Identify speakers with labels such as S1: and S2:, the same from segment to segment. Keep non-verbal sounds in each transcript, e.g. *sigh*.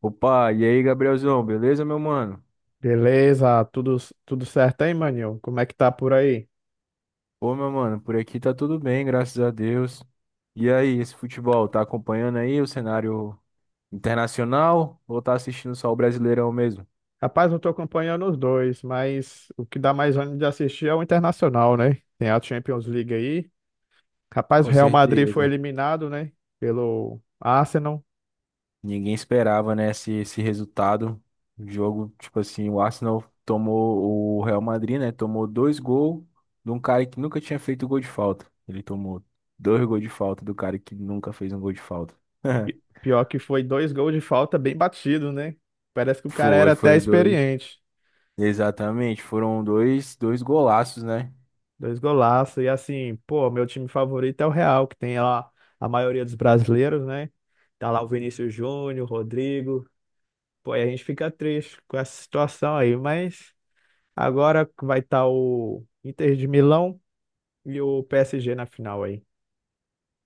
S1: Opa, e aí, Gabrielzão, beleza, meu mano?
S2: Beleza, tudo, tudo certo, hein, maninho? Como é que tá por aí?
S1: Pô, meu mano, por aqui tá tudo bem, graças a Deus. E aí, esse futebol, tá acompanhando aí o cenário internacional ou tá assistindo só o Brasileirão mesmo?
S2: Rapaz, eu tô acompanhando os dois, mas o que dá mais ânimo de assistir é o Internacional, né? Tem a Champions League aí. Rapaz, o
S1: Com
S2: Real Madrid foi
S1: certeza.
S2: eliminado, né? Pelo Arsenal.
S1: Ninguém esperava, né, esse resultado. O jogo, tipo assim, o Arsenal tomou o Real Madrid, né? Tomou dois gols de um cara que nunca tinha feito gol de falta. Ele tomou dois gols de falta do cara que nunca fez um gol de falta.
S2: E pior que foi dois gols de falta bem batido, né? Parece que
S1: *laughs*
S2: o cara
S1: Foi,
S2: era até
S1: foi dois.
S2: experiente.
S1: Exatamente, foram dois, dois golaços, né?
S2: Dois golaços. E assim, pô, meu time favorito é o Real, que tem lá a maioria dos brasileiros, né? Tá lá o Vinícius Júnior, o Rodrigo. Pô, aí a gente fica triste com essa situação aí, mas agora vai estar o Inter de Milão e o PSG na final aí.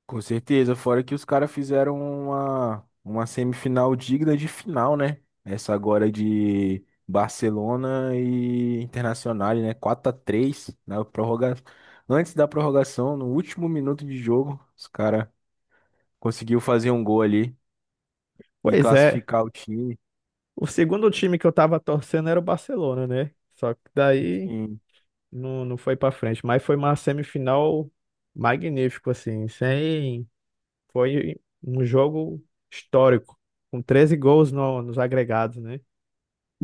S1: Com certeza, fora que os caras fizeram uma semifinal digna de final, né? Essa agora de Barcelona e Internacional, né? 4x3 antes da prorrogação, no último minuto de jogo, os caras conseguiu fazer um gol ali e
S2: Pois é,
S1: classificar o time.
S2: o segundo time que eu tava torcendo era o Barcelona, né? Só que daí
S1: Sim,
S2: não foi pra frente, mas foi uma semifinal magnífico assim, sem foi um jogo histórico, com 13 gols nos agregados, né?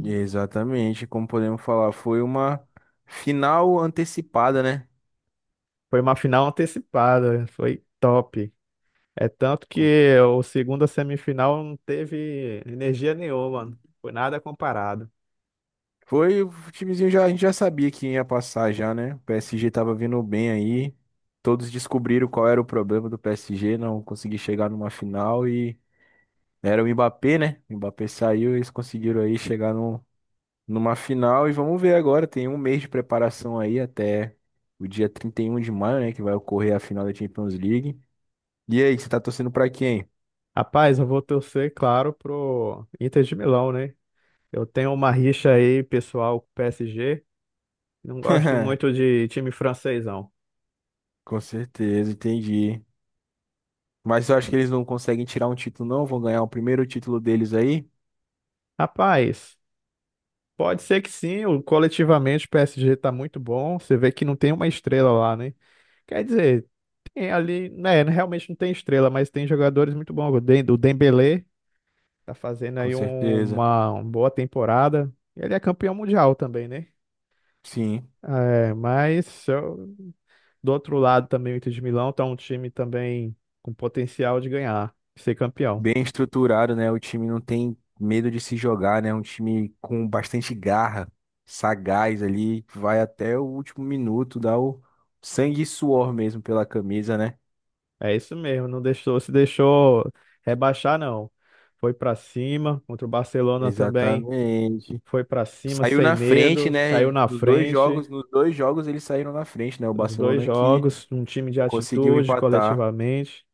S1: exatamente, como podemos falar, foi uma final antecipada, né?
S2: Foi uma final antecipada, foi top. É tanto que o segunda semifinal não teve energia nenhuma, não foi nada comparado.
S1: Foi, o timezinho já, a gente já sabia que ia passar já, né? O PSG tava vindo bem aí. Todos descobriram qual era o problema do PSG, não conseguir chegar numa final e era o Mbappé, né? O Mbappé saiu, eles conseguiram aí chegar numa final e vamos ver agora, tem um mês de preparação aí até o dia 31 de maio, né, que vai ocorrer a final da Champions League. E aí, você tá torcendo pra quem?
S2: Rapaz, eu vou torcer, claro, pro Inter de Milão, né? Eu tenho uma rixa aí, pessoal, com o PSG. Não gosto muito
S1: *laughs*
S2: de time francês, não.
S1: Com certeza, entendi. Mas eu acho que eles não conseguem tirar um título, não. Vão ganhar o primeiro título deles aí.
S2: Rapaz, pode ser que sim, o- coletivamente o PSG tá muito bom. Você vê que não tem uma estrela lá, né? Quer dizer, tem ali, né, realmente não tem estrela, mas tem jogadores muito bons. O Dembélé tá fazendo
S1: Com
S2: aí um-
S1: certeza.
S2: uma, uma boa temporada. Ele é campeão mundial também, né?
S1: Sim.
S2: É, mas eu- do outro lado também o Inter de Milão tá um time também com potencial de ganhar, de ser campeão.
S1: Bem estruturado, né? O time não tem medo de se jogar, né? Um time com bastante garra, sagaz ali, vai até o último minuto, dá o sangue e suor mesmo pela camisa, né?
S2: É isso mesmo, se deixou rebaixar, não. Foi pra cima, contra o Barcelona também
S1: Exatamente.
S2: foi pra cima
S1: Saiu
S2: sem
S1: na frente,
S2: medo,
S1: né?
S2: saiu na frente,
S1: Nos dois jogos eles saíram na frente, né? O
S2: os dois
S1: Barcelona que
S2: jogos, um time de
S1: conseguiu
S2: atitude
S1: empatar.
S2: coletivamente.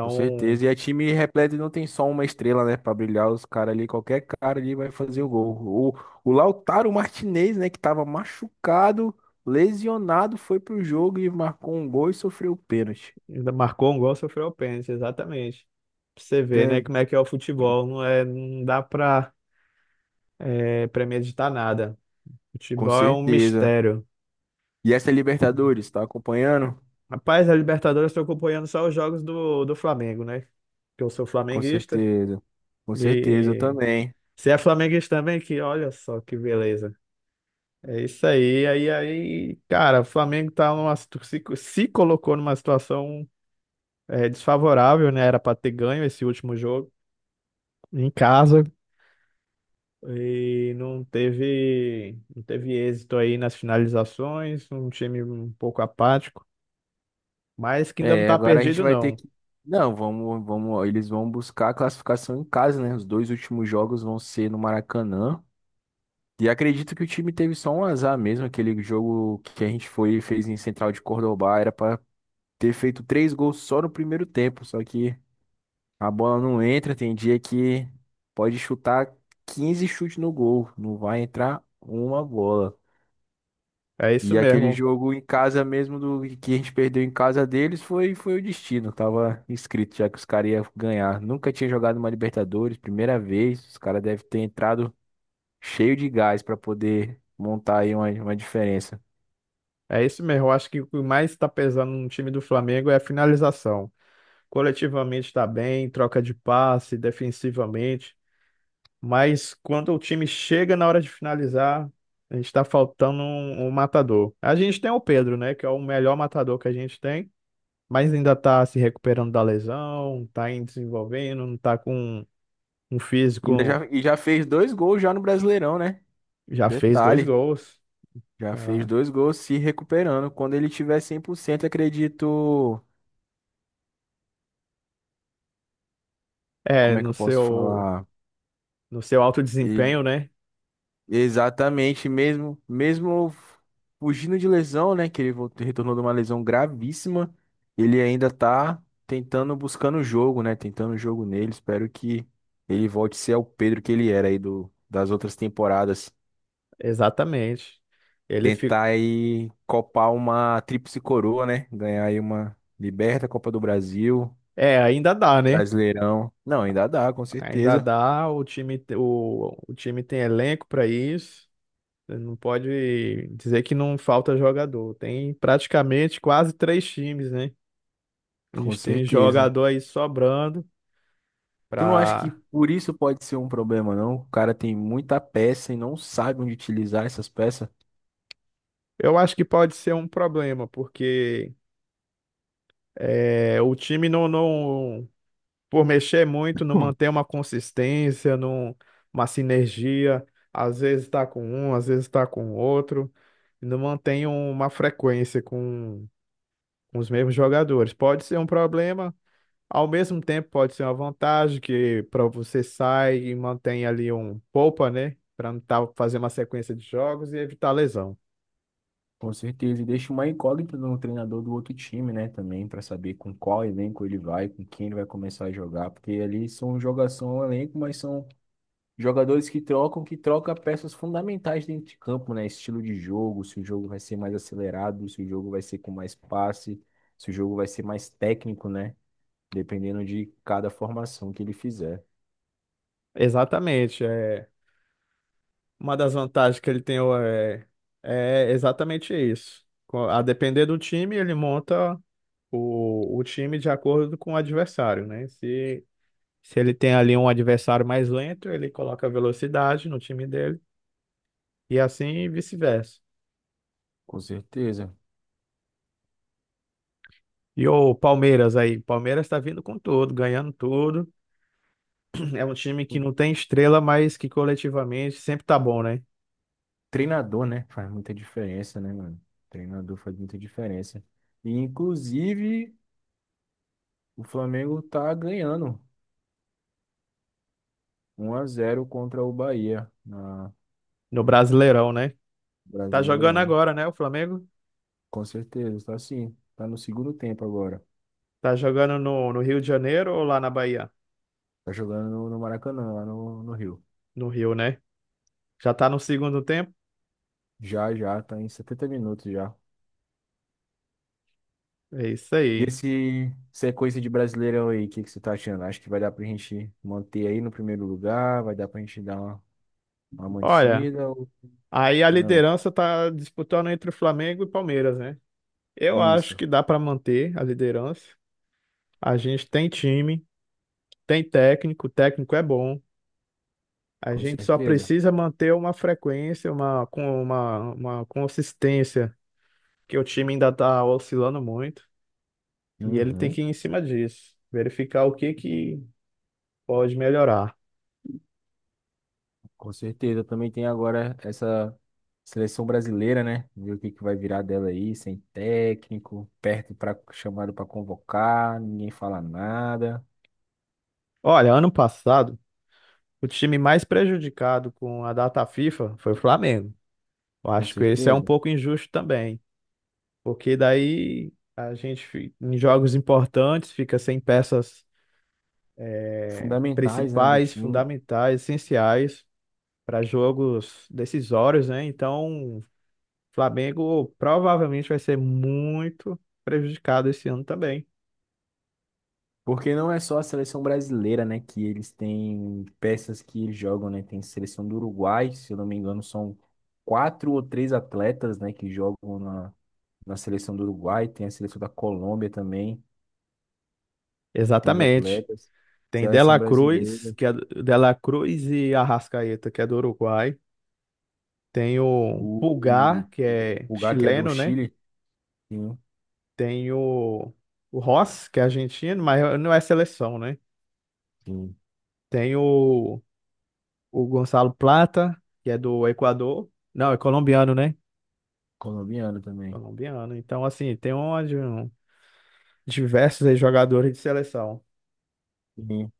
S1: Com certeza. E é time repleto e não tem só uma estrela, né? Pra brilhar os caras ali. Qualquer cara ali vai fazer o gol. O Lautaro Martinez, né? Que tava machucado, lesionado, foi pro jogo e marcou um gol e sofreu o pênalti.
S2: ainda marcou um gol, sofreu o pênalti, exatamente. Pra você ver,
S1: É,
S2: né, como é que é o futebol. Não dá pra, é, premeditar nada.
S1: com
S2: Futebol é um
S1: certeza.
S2: mistério.
S1: E essa é Libertadores, tá acompanhando?
S2: Rapaz, a Libertadores estou acompanhando só os jogos do Flamengo, né? Que eu sou
S1: Com
S2: flamenguista.
S1: certeza. Com certeza eu
S2: E
S1: também.
S2: você é flamenguista também? Que olha só que beleza. É isso aí. Cara, o Flamengo tá numa, se colocou numa situação é, desfavorável, né? Era pra ter ganho esse último jogo em casa e não teve êxito aí nas finalizações, um time um pouco apático, mas que ainda não
S1: É,
S2: tá
S1: agora a gente
S2: perdido,
S1: vai ter
S2: não.
S1: que. Não, vamos, vamos. Eles vão buscar a classificação em casa, né? Os dois últimos jogos vão ser no Maracanã. E acredito que o time teve só um azar mesmo, aquele jogo que a gente foi e fez em Central de Córdoba, era pra ter feito três gols só no primeiro tempo, só que a bola não entra, tem dia que pode chutar 15 chutes no gol, não vai entrar uma bola.
S2: É isso
S1: E aquele
S2: mesmo.
S1: jogo em casa mesmo do que a gente perdeu em casa deles foi o destino, tava escrito já que os caras iam ganhar. Nunca tinha jogado uma Libertadores, primeira vez, os caras devem ter entrado cheio de gás para poder montar aí uma diferença.
S2: É isso mesmo. Eu acho que o que mais está pesando no time do Flamengo é a finalização. Coletivamente está bem, troca de passe, defensivamente, mas quando o time chega na hora de finalizar, a gente está faltando um matador. A gente tem o Pedro, né, que é o melhor matador que a gente tem, mas ainda está se recuperando da lesão, está em desenvolvendo, não está com um
S1: Ainda
S2: físico,
S1: já, e já fez dois gols já no Brasileirão, né?
S2: já fez dois
S1: Detalhe,
S2: gols,
S1: já fez
S2: tá?
S1: dois gols se recuperando. Quando ele tiver 100%, acredito.
S2: É,
S1: Como é que
S2: no
S1: eu posso
S2: seu
S1: falar?
S2: no seu alto
S1: E-
S2: desempenho, né?
S1: Exatamente, mesmo, mesmo fugindo de lesão, né? Que ele voltou, retornou de uma lesão gravíssima, ele ainda tá tentando, buscando o jogo, né? Tentando o jogo nele. Espero que ele volte a ser o Pedro que ele era aí das outras temporadas.
S2: Exatamente. Ele fi...
S1: Tentar aí copar uma tríplice coroa, né? Ganhar aí uma Liberta, Copa do Brasil,
S2: é, ainda dá, né?
S1: Brasileirão. Não, ainda dá, com
S2: Ainda
S1: certeza.
S2: dá, o o time tem elenco para isso. Não pode dizer que não falta jogador. Tem praticamente quase três times, né? A
S1: Com
S2: gente tem
S1: certeza.
S2: jogador aí sobrando
S1: Tu não acha que
S2: para
S1: por isso pode ser um problema, não? O cara tem muita peça e não sabe onde utilizar essas peças.
S2: eu acho que pode ser um problema, porque é, o time não, não, por mexer muito, não
S1: Hum.
S2: mantém uma consistência, não, uma sinergia. Às vezes está com um, às vezes está com outro, e não mantém uma frequência com os mesmos jogadores. Pode ser um problema, ao mesmo tempo pode ser uma vantagem, que para você sai e mantém ali um poupa, né? Para não tá, fazer uma sequência de jogos e evitar lesão.
S1: Com certeza. E deixa uma incógnita no treinador do outro time, né? Também, pra saber com qual elenco ele vai, com quem ele vai começar a jogar. Porque ali são jogação elenco, mas são jogadores que trocam, que troca peças fundamentais dentro de campo, né? Estilo de jogo, se o jogo vai ser mais acelerado, se o jogo vai ser com mais passe, se o jogo vai ser mais técnico, né? Dependendo de cada formação que ele fizer.
S2: Exatamente. É. Uma das vantagens que ele tem é, é exatamente isso. Co- a depender do time, ele monta o time de acordo com o adversário, né? Se ele tem ali um adversário mais lento, ele coloca velocidade no time dele e assim vice-versa.
S1: Com certeza.
S2: E o Palmeiras aí, Palmeiras está vindo com tudo, ganhando tudo. É um time
S1: O
S2: que não tem estrela, mas que coletivamente sempre tá bom, né?
S1: treinador, né? Faz muita diferença, né, mano? O treinador faz muita diferença. E, inclusive, o Flamengo tá ganhando 1 a 0 contra o Bahia na
S2: No Brasileirão, né? Tá jogando
S1: Brasileirão.
S2: agora, né? O Flamengo
S1: Com certeza, tá sim. Tá no segundo tempo agora.
S2: tá jogando no Rio de Janeiro ou lá na Bahia?
S1: Tá jogando no Maracanã, lá no Rio.
S2: No Rio, né? Já tá no segundo tempo?
S1: Já, já, tá em 70 minutos já.
S2: É isso
S1: E
S2: aí.
S1: esse sequência de Brasileirão aí, o que você tá achando? Acho que vai dar pra gente manter aí no primeiro lugar, vai dar pra gente dar uma
S2: Olha,
S1: mantida ou
S2: aí a
S1: não?
S2: liderança tá disputando entre o Flamengo e Palmeiras, né? Eu acho
S1: Isso,
S2: que dá pra manter a liderança. A gente tem time, tem técnico, o técnico é bom. A
S1: com
S2: gente só
S1: certeza.
S2: precisa manter uma frequência, com uma consistência, que o time ainda tá oscilando muito. E ele tem que ir
S1: Uhum.
S2: em cima disso, verificar o que que pode melhorar.
S1: Com certeza. Também tem agora essa seleção brasileira, né? Ver o que vai virar dela aí, sem técnico, perto para chamado para convocar, ninguém fala nada.
S2: Olha, ano passado, o time mais prejudicado com a data FIFA foi o Flamengo. Eu
S1: Com
S2: acho que esse é um
S1: certeza.
S2: pouco injusto também, porque daí a gente, fi- em jogos importantes, fica sem peças
S1: Fundamentais, né, do
S2: principais,
S1: time.
S2: fundamentais, essenciais para jogos decisórios, né? Então, o Flamengo provavelmente vai ser muito prejudicado esse ano também.
S1: Porque não é só a seleção brasileira, né, que eles têm peças que eles jogam, né? Tem seleção do Uruguai, se eu não me engano, são quatro ou três atletas, né, que jogam na seleção do Uruguai. Tem a seleção da Colômbia também, tem os
S2: Exatamente.
S1: atletas.
S2: Tem
S1: Seleção
S2: Dela Cruz,
S1: brasileira,
S2: que é Dela Cruz e Arrascaeta, que é do Uruguai. Tem o
S1: o
S2: Pulgar, que
S1: o
S2: é
S1: Pulgar, que é do
S2: chileno, né?
S1: Chile, sim,
S2: Tem o Ross, que é argentino, mas não é seleção, né?
S1: sim,
S2: Tem o Gonçalo Plata, que é do Equador. Não, é colombiano, né?
S1: colombiano também.
S2: Colombiano. Então, assim, tem diversos aí jogadores de seleção.
S1: Sim.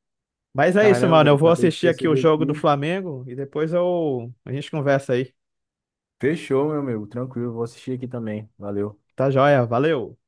S2: Mas é isso,
S1: Caramba,
S2: mano.
S1: velho,
S2: Eu vou
S1: acabei de
S2: assistir aqui o
S1: perceber
S2: jogo do
S1: aqui.
S2: Flamengo e depois eu, a gente conversa aí.
S1: Fechou, meu amigo, tranquilo, vou assistir aqui também. Valeu.
S2: Tá joia? Valeu!